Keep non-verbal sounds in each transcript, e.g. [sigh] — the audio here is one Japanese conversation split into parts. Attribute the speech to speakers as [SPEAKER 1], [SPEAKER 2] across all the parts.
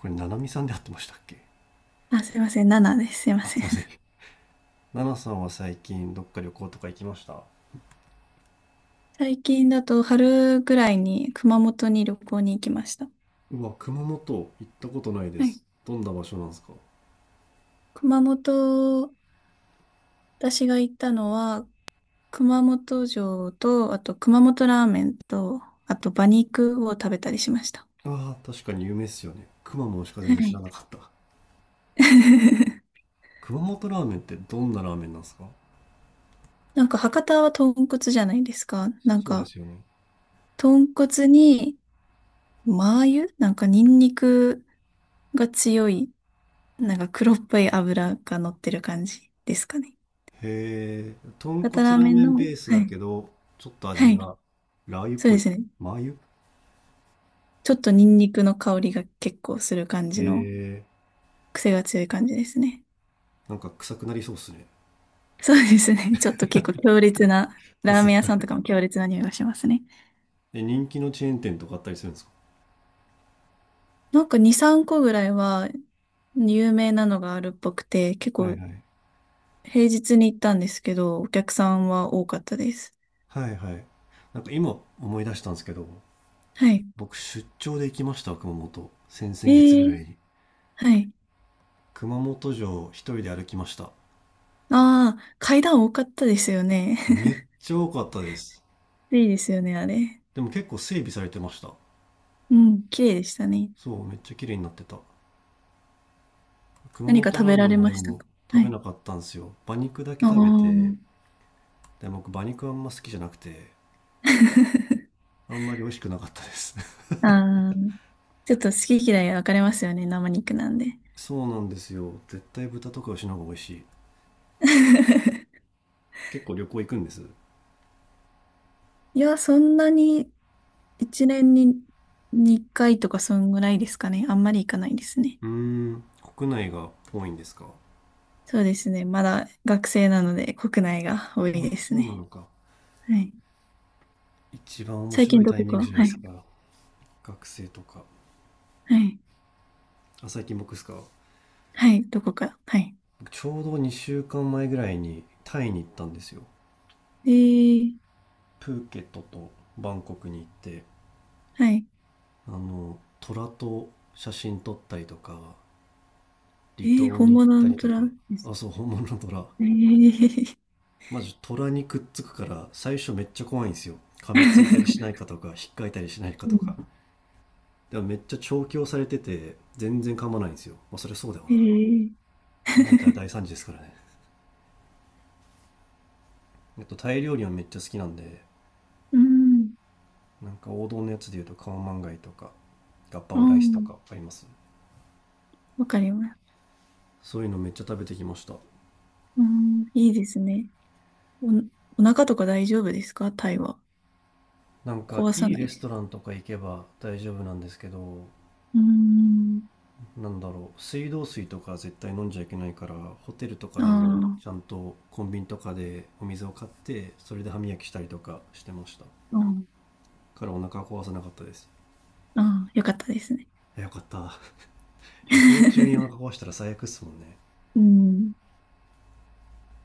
[SPEAKER 1] これ、ななみさんで会ってましたっけ？
[SPEAKER 2] あ、すいません、7です。すいま
[SPEAKER 1] あ、す
[SPEAKER 2] せ
[SPEAKER 1] い
[SPEAKER 2] ん。
[SPEAKER 1] ません。
[SPEAKER 2] [laughs]
[SPEAKER 1] ななさんは最近どっか旅行とか行きました？
[SPEAKER 2] 最近だと春ぐらいに熊本に旅行に行きました。
[SPEAKER 1] うわ、熊本。行ったことないで
[SPEAKER 2] はい。
[SPEAKER 1] す。どんな場所なんですか？
[SPEAKER 2] 熊本、私が行ったのは、熊本城と、あと熊本ラーメンと、あと馬肉を食べたりしました。
[SPEAKER 1] ああ、確かに有名っすよね。熊本しか全
[SPEAKER 2] は
[SPEAKER 1] 然知ら
[SPEAKER 2] い。
[SPEAKER 1] なかった。
[SPEAKER 2] [laughs]
[SPEAKER 1] 熊本ラーメンってどんなラーメンなんですか？
[SPEAKER 2] なんか博多は豚骨じゃないですか。なん
[SPEAKER 1] そうで
[SPEAKER 2] か、
[SPEAKER 1] すよね。
[SPEAKER 2] 豚骨に、麻油なんかニンニクが強い、なんか黒っぽい油が乗ってる感じですかね。
[SPEAKER 1] へえ、豚
[SPEAKER 2] 博
[SPEAKER 1] 骨
[SPEAKER 2] 多ラー
[SPEAKER 1] ラー
[SPEAKER 2] メン
[SPEAKER 1] メンベ
[SPEAKER 2] の、
[SPEAKER 1] ース
[SPEAKER 2] は
[SPEAKER 1] だ
[SPEAKER 2] い。
[SPEAKER 1] けど、ちょっと
[SPEAKER 2] は
[SPEAKER 1] 味
[SPEAKER 2] い。
[SPEAKER 1] がラー油っ
[SPEAKER 2] そう
[SPEAKER 1] ぽ
[SPEAKER 2] で
[SPEAKER 1] い。
[SPEAKER 2] すね。
[SPEAKER 1] マー油。
[SPEAKER 2] ちょっとニンニクの香りが結構する感
[SPEAKER 1] へ
[SPEAKER 2] じの、
[SPEAKER 1] え、
[SPEAKER 2] 癖が強い感じですね。
[SPEAKER 1] なんか臭くなりそうっすね。
[SPEAKER 2] そうですね。[laughs] ちょっと結構強烈な、
[SPEAKER 1] で
[SPEAKER 2] ラー
[SPEAKER 1] す
[SPEAKER 2] メン屋
[SPEAKER 1] よ
[SPEAKER 2] さんと
[SPEAKER 1] ね。
[SPEAKER 2] かも強烈な匂いがしますね。
[SPEAKER 1] で、人気のチェーン店とかあったりするんですか？
[SPEAKER 2] なんか2、3個ぐらいは有名なのがあるっぽくて、結
[SPEAKER 1] はい
[SPEAKER 2] 構
[SPEAKER 1] はい。
[SPEAKER 2] 平日に行ったんですけど、お客さんは多かったです。
[SPEAKER 1] はいはい。なんか今思い出したんですけど、
[SPEAKER 2] はい。
[SPEAKER 1] 僕出張で行きました、熊本。先々月ぐ
[SPEAKER 2] え
[SPEAKER 1] らい
[SPEAKER 2] え、
[SPEAKER 1] に。
[SPEAKER 2] はい。
[SPEAKER 1] 熊本城一人で歩きました。
[SPEAKER 2] ああ、階段多かったですよね。
[SPEAKER 1] めっちゃ多かったです。
[SPEAKER 2] [laughs] いいですよね、あれ。
[SPEAKER 1] でも結構整備されてました。
[SPEAKER 2] うん、綺麗でしたね。
[SPEAKER 1] そう、めっちゃ綺麗になってた。熊
[SPEAKER 2] 何か
[SPEAKER 1] 本
[SPEAKER 2] 食
[SPEAKER 1] ラー
[SPEAKER 2] べら
[SPEAKER 1] メ
[SPEAKER 2] れ
[SPEAKER 1] ンはで
[SPEAKER 2] ました
[SPEAKER 1] も
[SPEAKER 2] か？は
[SPEAKER 1] 食べ
[SPEAKER 2] い。
[SPEAKER 1] なかったんですよ。馬肉だけ
[SPEAKER 2] あ
[SPEAKER 1] 食べて、
[SPEAKER 2] あ。
[SPEAKER 1] で僕馬肉あんま好きじゃなくて、
[SPEAKER 2] [laughs]
[SPEAKER 1] あんまり美味しくなかったです。[laughs]
[SPEAKER 2] ああ、ちょっと好き嫌い分かれますよね、生肉なんで。
[SPEAKER 1] そうなんですよ。絶対豚とか牛の方が美味しい。
[SPEAKER 2] [laughs]
[SPEAKER 1] 結構旅行行くんです？う
[SPEAKER 2] いや、そんなに一年に2回とかそんぐらいですかね。あんまり行かないですね。
[SPEAKER 1] ーん、国内が多いんですか？
[SPEAKER 2] そうですね。まだ学生なので国内が多い
[SPEAKER 1] あ、
[SPEAKER 2] です
[SPEAKER 1] そうなの
[SPEAKER 2] ね。
[SPEAKER 1] か。
[SPEAKER 2] はい。
[SPEAKER 1] 一番面
[SPEAKER 2] 最
[SPEAKER 1] 白
[SPEAKER 2] 近
[SPEAKER 1] い
[SPEAKER 2] ど
[SPEAKER 1] タイ
[SPEAKER 2] こ
[SPEAKER 1] ミン
[SPEAKER 2] か？
[SPEAKER 1] グじゃないで
[SPEAKER 2] は
[SPEAKER 1] す
[SPEAKER 2] い。
[SPEAKER 1] か。学生とか。
[SPEAKER 2] はい。
[SPEAKER 1] あ、最近僕ですか。
[SPEAKER 2] はい。どこか？はい。
[SPEAKER 1] 僕ちょうど2週間前ぐらいにタイに行ったんですよ。
[SPEAKER 2] えー、
[SPEAKER 1] プーケットとバンコクに行って、
[SPEAKER 2] はい。
[SPEAKER 1] 虎と写真撮ったりとか、
[SPEAKER 2] え
[SPEAKER 1] 離
[SPEAKER 2] ー、
[SPEAKER 1] 島に
[SPEAKER 2] 本
[SPEAKER 1] 行っ
[SPEAKER 2] 物
[SPEAKER 1] た
[SPEAKER 2] の
[SPEAKER 1] りとか。
[SPEAKER 2] 虎です
[SPEAKER 1] あ、
[SPEAKER 2] か？
[SPEAKER 1] そう、本物の虎。
[SPEAKER 2] えー、
[SPEAKER 1] まず虎にくっつくから最初めっちゃ怖いんですよ。噛みついたりしな
[SPEAKER 2] [laughs]
[SPEAKER 1] いかとか、引っかいたりしないか
[SPEAKER 2] う
[SPEAKER 1] とか。
[SPEAKER 2] ん。
[SPEAKER 1] でもめっちゃ調教されてて、全然噛まないんですよ。まあそりゃそうだよ
[SPEAKER 2] え
[SPEAKER 1] な。
[SPEAKER 2] ー、
[SPEAKER 1] 噛まれたら
[SPEAKER 2] [laughs]
[SPEAKER 1] 大惨事ですからね。タイ料理はめっちゃ好きなんで、
[SPEAKER 2] うん。
[SPEAKER 1] なんか王道のやつで言うとカオマンガイとか、ガッパ
[SPEAKER 2] あ
[SPEAKER 1] オライスと
[SPEAKER 2] ー、
[SPEAKER 1] かあります。
[SPEAKER 2] わかります。
[SPEAKER 1] そういうのめっちゃ食べてきました。
[SPEAKER 2] うん、いいですね。お、お腹とか大丈夫ですか、タイは。
[SPEAKER 1] なんか
[SPEAKER 2] 壊さ
[SPEAKER 1] いい
[SPEAKER 2] ない
[SPEAKER 1] レ
[SPEAKER 2] で
[SPEAKER 1] ス
[SPEAKER 2] す
[SPEAKER 1] トラ
[SPEAKER 2] か？
[SPEAKER 1] ンとか行けば大丈夫なんですけど、
[SPEAKER 2] うーん。
[SPEAKER 1] なんだろう、水道水とか絶対飲んじゃいけないから、ホテルとか
[SPEAKER 2] あ
[SPEAKER 1] でもちゃ
[SPEAKER 2] あ、
[SPEAKER 1] んとコンビニとかでお水を買って、それで歯磨きしたりとかしてました。
[SPEAKER 2] うん。
[SPEAKER 1] からお腹壊さなかったです。
[SPEAKER 2] ああ、よかったですね。
[SPEAKER 1] いやよかった。[laughs] 旅行中にお腹
[SPEAKER 2] [laughs]
[SPEAKER 1] 壊したら最悪っすもんね。
[SPEAKER 2] うん。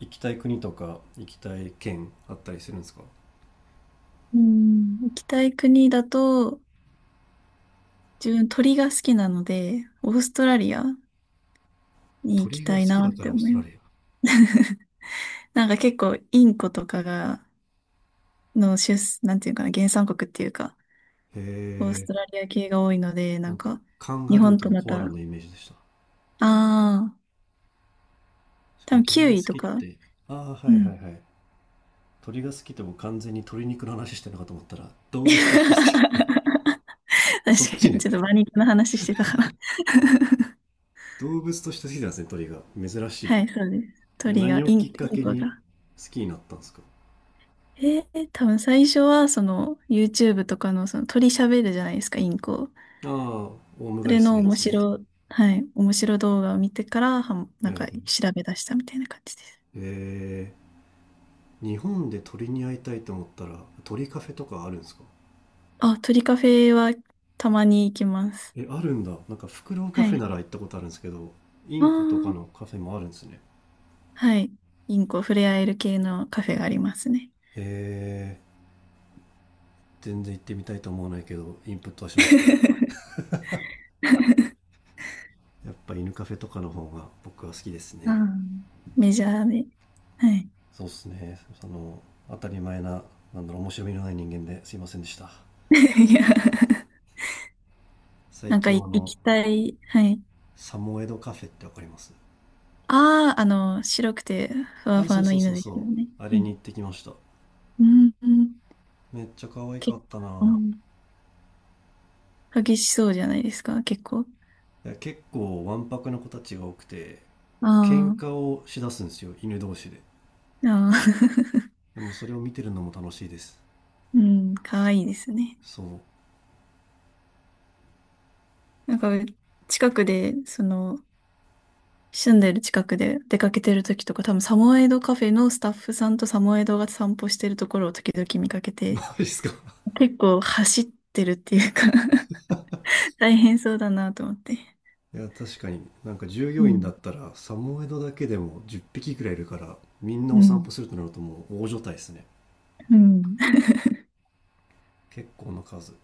[SPEAKER 1] 行きたい国とか行きたい県あったりするんですか？
[SPEAKER 2] うん。行きたい国だと、自分鳥が好きなので、オーストラリアに行き
[SPEAKER 1] 鳥
[SPEAKER 2] た
[SPEAKER 1] が好
[SPEAKER 2] い
[SPEAKER 1] き
[SPEAKER 2] な
[SPEAKER 1] だ
[SPEAKER 2] っ
[SPEAKER 1] か
[SPEAKER 2] て
[SPEAKER 1] らオー
[SPEAKER 2] 思
[SPEAKER 1] ス
[SPEAKER 2] い
[SPEAKER 1] トラ
[SPEAKER 2] ます。
[SPEAKER 1] リア？
[SPEAKER 2] なんか結構インコとかが、の出、なんていうかな、原産国っていうか、
[SPEAKER 1] へ
[SPEAKER 2] オース
[SPEAKER 1] え。
[SPEAKER 2] トラリア系が多いので、
[SPEAKER 1] ア。
[SPEAKER 2] な
[SPEAKER 1] な
[SPEAKER 2] ん
[SPEAKER 1] んか、
[SPEAKER 2] か、
[SPEAKER 1] カン
[SPEAKER 2] 日
[SPEAKER 1] ガルー
[SPEAKER 2] 本
[SPEAKER 1] と
[SPEAKER 2] と
[SPEAKER 1] か
[SPEAKER 2] ま
[SPEAKER 1] コアラ
[SPEAKER 2] た、あ
[SPEAKER 1] のイメージでした。
[SPEAKER 2] あ、
[SPEAKER 1] しか
[SPEAKER 2] 多
[SPEAKER 1] も
[SPEAKER 2] 分キ
[SPEAKER 1] 鳥
[SPEAKER 2] ウ
[SPEAKER 1] が好
[SPEAKER 2] イと
[SPEAKER 1] きっ
[SPEAKER 2] か。
[SPEAKER 1] て、ああ、は
[SPEAKER 2] う
[SPEAKER 1] いはい
[SPEAKER 2] ん。
[SPEAKER 1] はい。鳥が好きってもう完全に鶏肉の話してるのかと思ったら、
[SPEAKER 2] [laughs]
[SPEAKER 1] 動物として好き。[laughs] そっ
[SPEAKER 2] 確か
[SPEAKER 1] ち
[SPEAKER 2] に、
[SPEAKER 1] ね。
[SPEAKER 2] ちょっと馬肉の話してたから。
[SPEAKER 1] 動物として好きなんですね、鳥が。珍し
[SPEAKER 2] は
[SPEAKER 1] い。
[SPEAKER 2] い、そうです。
[SPEAKER 1] え、
[SPEAKER 2] 鳥が、
[SPEAKER 1] 何をきっか
[SPEAKER 2] イン
[SPEAKER 1] け
[SPEAKER 2] コ
[SPEAKER 1] に
[SPEAKER 2] が。
[SPEAKER 1] 好きになったんですか？
[SPEAKER 2] 多分最初は、YouTube とかの、鳥喋るじゃないですか、インコ。
[SPEAKER 1] ああ、オウム
[SPEAKER 2] そ
[SPEAKER 1] 返
[SPEAKER 2] れ
[SPEAKER 1] しす
[SPEAKER 2] の
[SPEAKER 1] るや
[SPEAKER 2] 面
[SPEAKER 1] つに。
[SPEAKER 2] 白、はい、面白動画を見てから、な
[SPEAKER 1] は
[SPEAKER 2] ん
[SPEAKER 1] いは
[SPEAKER 2] か、
[SPEAKER 1] い。
[SPEAKER 2] 調べ出したみたいな感じです。
[SPEAKER 1] え日本で鳥に会いたいと思ったら、鳥カフェとかあるんですか？
[SPEAKER 2] あ、鳥カフェは、たまに行きます。
[SPEAKER 1] え、あるんだ。なんか、フクロウ
[SPEAKER 2] は
[SPEAKER 1] カフェ
[SPEAKER 2] い。
[SPEAKER 1] なら行ったことあるんですけど、イ
[SPEAKER 2] あ
[SPEAKER 1] ン
[SPEAKER 2] あ、
[SPEAKER 1] コとかのカフェもあるんですね。
[SPEAKER 2] はい。インコ触れ合える系のカフェがありますね。
[SPEAKER 1] へえ、全然行ってみたいと思わないけど、インプットはしました。
[SPEAKER 2] [laughs]
[SPEAKER 1] やっぱ犬カフェとかの方が僕は好きです
[SPEAKER 2] う
[SPEAKER 1] ね。
[SPEAKER 2] ん。メジャーで。はい。
[SPEAKER 1] そうですね。当たり前な、なんだろう、面白みのない人間ですいませんでした。
[SPEAKER 2] [laughs] いや、[laughs]
[SPEAKER 1] 最
[SPEAKER 2] なんか
[SPEAKER 1] 近
[SPEAKER 2] い
[SPEAKER 1] は
[SPEAKER 2] 行きたい。はい。
[SPEAKER 1] サモエドカフェってわかります？
[SPEAKER 2] ああ、あの、白くてふわ
[SPEAKER 1] あ、
[SPEAKER 2] ふ
[SPEAKER 1] そ
[SPEAKER 2] わ
[SPEAKER 1] う
[SPEAKER 2] の
[SPEAKER 1] そうそ
[SPEAKER 2] 犬
[SPEAKER 1] う
[SPEAKER 2] ですよ
[SPEAKER 1] そ
[SPEAKER 2] ね。
[SPEAKER 1] う。あ
[SPEAKER 2] う
[SPEAKER 1] れに
[SPEAKER 2] ん。
[SPEAKER 1] 行ってきました。
[SPEAKER 2] うん、うん、
[SPEAKER 1] めっちゃ可愛か
[SPEAKER 2] 結
[SPEAKER 1] った
[SPEAKER 2] 構、
[SPEAKER 1] な。
[SPEAKER 2] うん、激しそうじゃないですか、結構。
[SPEAKER 1] いや、結構わんぱくな子たちが多くて、喧
[SPEAKER 2] あ
[SPEAKER 1] 嘩をしだすんですよ、犬同士で。
[SPEAKER 2] あ、ああ。
[SPEAKER 1] でもそれを見てるのも楽しいです。
[SPEAKER 2] [laughs] うん、かわいいですね。
[SPEAKER 1] そう。
[SPEAKER 2] なんか、近くで、その、住んでる近くで出かけてる時とか、多分サモエドカフェのスタッフさんとサモエドが散歩してるところを時々見かけて、
[SPEAKER 1] [laughs] ですか。[laughs]
[SPEAKER 2] 結構走ってるっていうか [laughs] 大変そうだなと思って。
[SPEAKER 1] いや、確かになんか従
[SPEAKER 2] う
[SPEAKER 1] 業員だ
[SPEAKER 2] ん、
[SPEAKER 1] ったらサモエドだけでも10匹くらいいるから、みんな
[SPEAKER 2] う
[SPEAKER 1] お散歩
[SPEAKER 2] ん。
[SPEAKER 1] するとなるともう大所帯ですね。
[SPEAKER 2] うん。
[SPEAKER 1] 結構な数。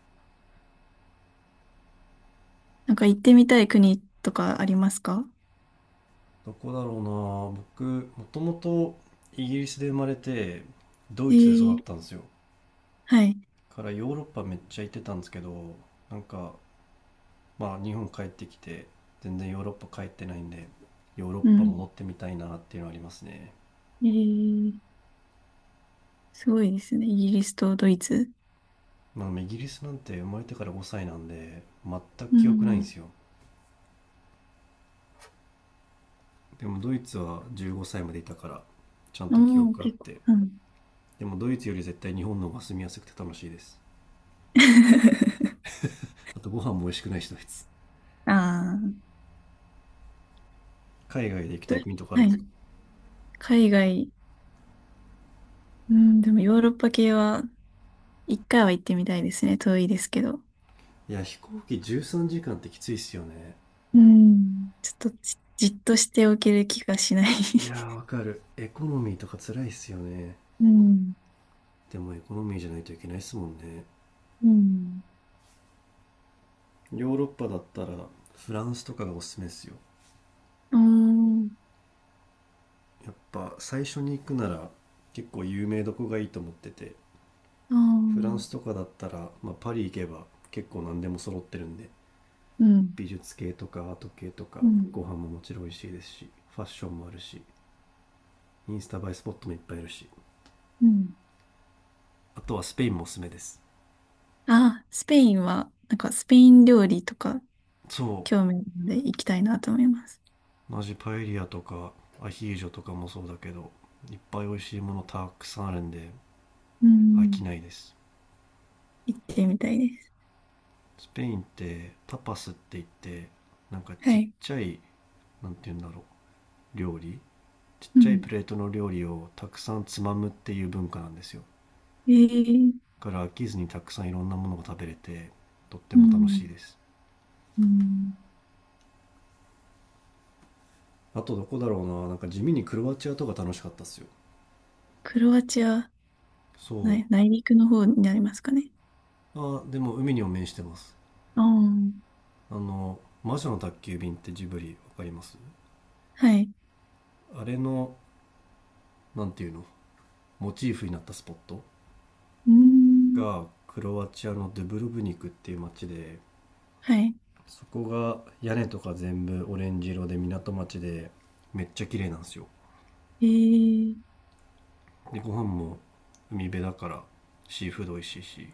[SPEAKER 2] なんか行ってみたい国とかありますか？
[SPEAKER 1] どこだろうな。僕もともとイギリスで生まれて、ド
[SPEAKER 2] え
[SPEAKER 1] イツで育っ
[SPEAKER 2] ー、
[SPEAKER 1] たんですよ。
[SPEAKER 2] はい。
[SPEAKER 1] からヨーロッパめっちゃ行ってたんですけど、なんか、まあ日本帰ってきて全然ヨーロッパ帰ってないんで、ヨーロッ
[SPEAKER 2] う
[SPEAKER 1] パ戻
[SPEAKER 2] ん。
[SPEAKER 1] ってみたいなっていうのはありますね。
[SPEAKER 2] えー、すごいですね。イギリスとドイツ。
[SPEAKER 1] まあ、イギリスなんて生まれてから5歳なんで全く
[SPEAKER 2] う
[SPEAKER 1] 記憶ないんで
[SPEAKER 2] ん。
[SPEAKER 1] すよ。でもドイツは15歳までいたからちゃんと記
[SPEAKER 2] おー、
[SPEAKER 1] 憶あっ
[SPEAKER 2] 結構。
[SPEAKER 1] て、
[SPEAKER 2] うん。
[SPEAKER 1] でもドイツより絶対日本の方が住みやすくて楽しいです。
[SPEAKER 2] [laughs]
[SPEAKER 1] あとご飯も美味しくないし、ドイツ。
[SPEAKER 2] ああ、
[SPEAKER 1] 海外で行きた
[SPEAKER 2] ど
[SPEAKER 1] い国とかある
[SPEAKER 2] は
[SPEAKER 1] んですか？
[SPEAKER 2] い。海外。うん、でもヨーロッパ系は、一回は行ってみたいですね。遠いですけど。
[SPEAKER 1] いや、飛行機13時間ってきついっすよね。
[SPEAKER 2] うん。ちょっとじっとしておける気がしない。
[SPEAKER 1] いやー、わかる。エコノミーとか辛いっすよね。
[SPEAKER 2] [laughs] うん。
[SPEAKER 1] でもエコノミーじゃないといけないっすもんね。
[SPEAKER 2] うん。
[SPEAKER 1] ヨーロッパだったらフランスとかがおすすめっすよ。
[SPEAKER 2] [laughs] おー、
[SPEAKER 1] やっぱ最初に行くなら結構有名どこがいいと思ってて、
[SPEAKER 2] あー、
[SPEAKER 1] フランスとかだったら、まあ、パリ行けば結構何でも揃ってるんで、
[SPEAKER 2] うん。
[SPEAKER 1] 美術系とかアート系とか、
[SPEAKER 2] うん。
[SPEAKER 1] ご飯ももちろん美味しいですし、ファッションもあるし、インスタ映えスポットもいっぱいあるし。
[SPEAKER 2] うん。
[SPEAKER 1] あとはスペインもおすすめです。
[SPEAKER 2] あ、スペインは、なんかスペイン料理とか
[SPEAKER 1] そ
[SPEAKER 2] 興味あるので行きたいなと思います。
[SPEAKER 1] う、同じパエリアとか、アヒージョとかもそうだけど、いっぱい美味しいものたくさんあるんで
[SPEAKER 2] う
[SPEAKER 1] 飽き
[SPEAKER 2] ん、
[SPEAKER 1] ないです。
[SPEAKER 2] 行ってみたいです。
[SPEAKER 1] スペインってタパスって言って、なんか
[SPEAKER 2] は
[SPEAKER 1] ちっ
[SPEAKER 2] い。
[SPEAKER 1] ちゃい、なんて言うんだろう、料理、ちっ
[SPEAKER 2] う
[SPEAKER 1] ちゃい
[SPEAKER 2] ん、
[SPEAKER 1] プレートの料理をたくさんつまむっていう文化なんですよ。
[SPEAKER 2] えー、
[SPEAKER 1] から飽きずにたくさんいろんなものが食べれて、とって
[SPEAKER 2] う
[SPEAKER 1] も楽しい
[SPEAKER 2] ん、
[SPEAKER 1] です。
[SPEAKER 2] うん。
[SPEAKER 1] あと、どこだろうな、なんか地味にクロアチアとか楽しかったっすよ。
[SPEAKER 2] クロアチア、
[SPEAKER 1] そ
[SPEAKER 2] 内陸の方になりますかね。
[SPEAKER 1] う。あ、でも海にも面してます。
[SPEAKER 2] ああ、
[SPEAKER 1] あの「魔女の宅急便」ってジブリわかります？
[SPEAKER 2] はい。
[SPEAKER 1] あれの、なんていうの、モチーフになったスポット
[SPEAKER 2] うん、
[SPEAKER 1] がクロアチアのドゥブルブニクっていう町で、
[SPEAKER 2] はい。
[SPEAKER 1] そこが屋根とか全部オレンジ色で港町でめっちゃ綺麗なんですよ。
[SPEAKER 2] えー、
[SPEAKER 1] でご飯も海辺だからシーフード美味しいし、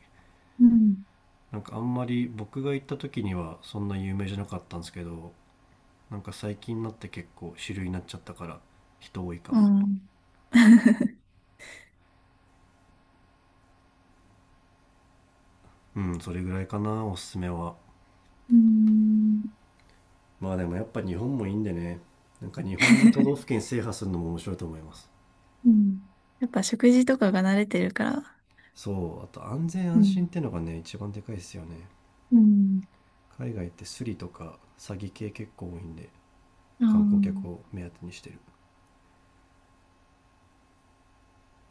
[SPEAKER 2] うん、
[SPEAKER 1] なんかあんまり僕が行った時にはそんな有名じゃなかったんですけど、なんか最近になって結構主流になっちゃったから人多いか
[SPEAKER 2] あ
[SPEAKER 1] も。
[SPEAKER 2] ん。
[SPEAKER 1] うん、それぐらいかな、おすすめは。
[SPEAKER 2] うん、
[SPEAKER 1] まあでもやっぱ日本もいいんでね、なんか日本の都道府県
[SPEAKER 2] [laughs]
[SPEAKER 1] 制覇するのも面白いと思います。
[SPEAKER 2] うん、[laughs] やっぱ食事とかが慣れてるから、
[SPEAKER 1] そう、あと安全
[SPEAKER 2] う
[SPEAKER 1] 安心っ
[SPEAKER 2] ん、
[SPEAKER 1] てのがね、一番でかいですよね。
[SPEAKER 2] うん、
[SPEAKER 1] 海外ってスリとか詐欺系結構多いんで、観光客
[SPEAKER 2] あ
[SPEAKER 1] を目当てにしてる。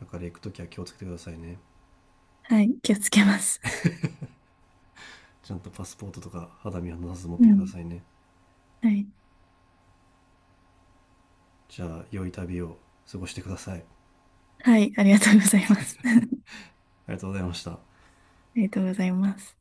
[SPEAKER 1] だから行くときは気をつけてくださいね。
[SPEAKER 2] あ、はい、気をつけます。
[SPEAKER 1] ちゃんとパスポートとか肌身離さず持っ
[SPEAKER 2] う
[SPEAKER 1] てくだ
[SPEAKER 2] ん、
[SPEAKER 1] さいね。
[SPEAKER 2] はい。
[SPEAKER 1] じゃあ良い旅を過ごしてください。あ
[SPEAKER 2] はい、ありがとうございます。[laughs] あ
[SPEAKER 1] りがとうございました。
[SPEAKER 2] りがとうございます。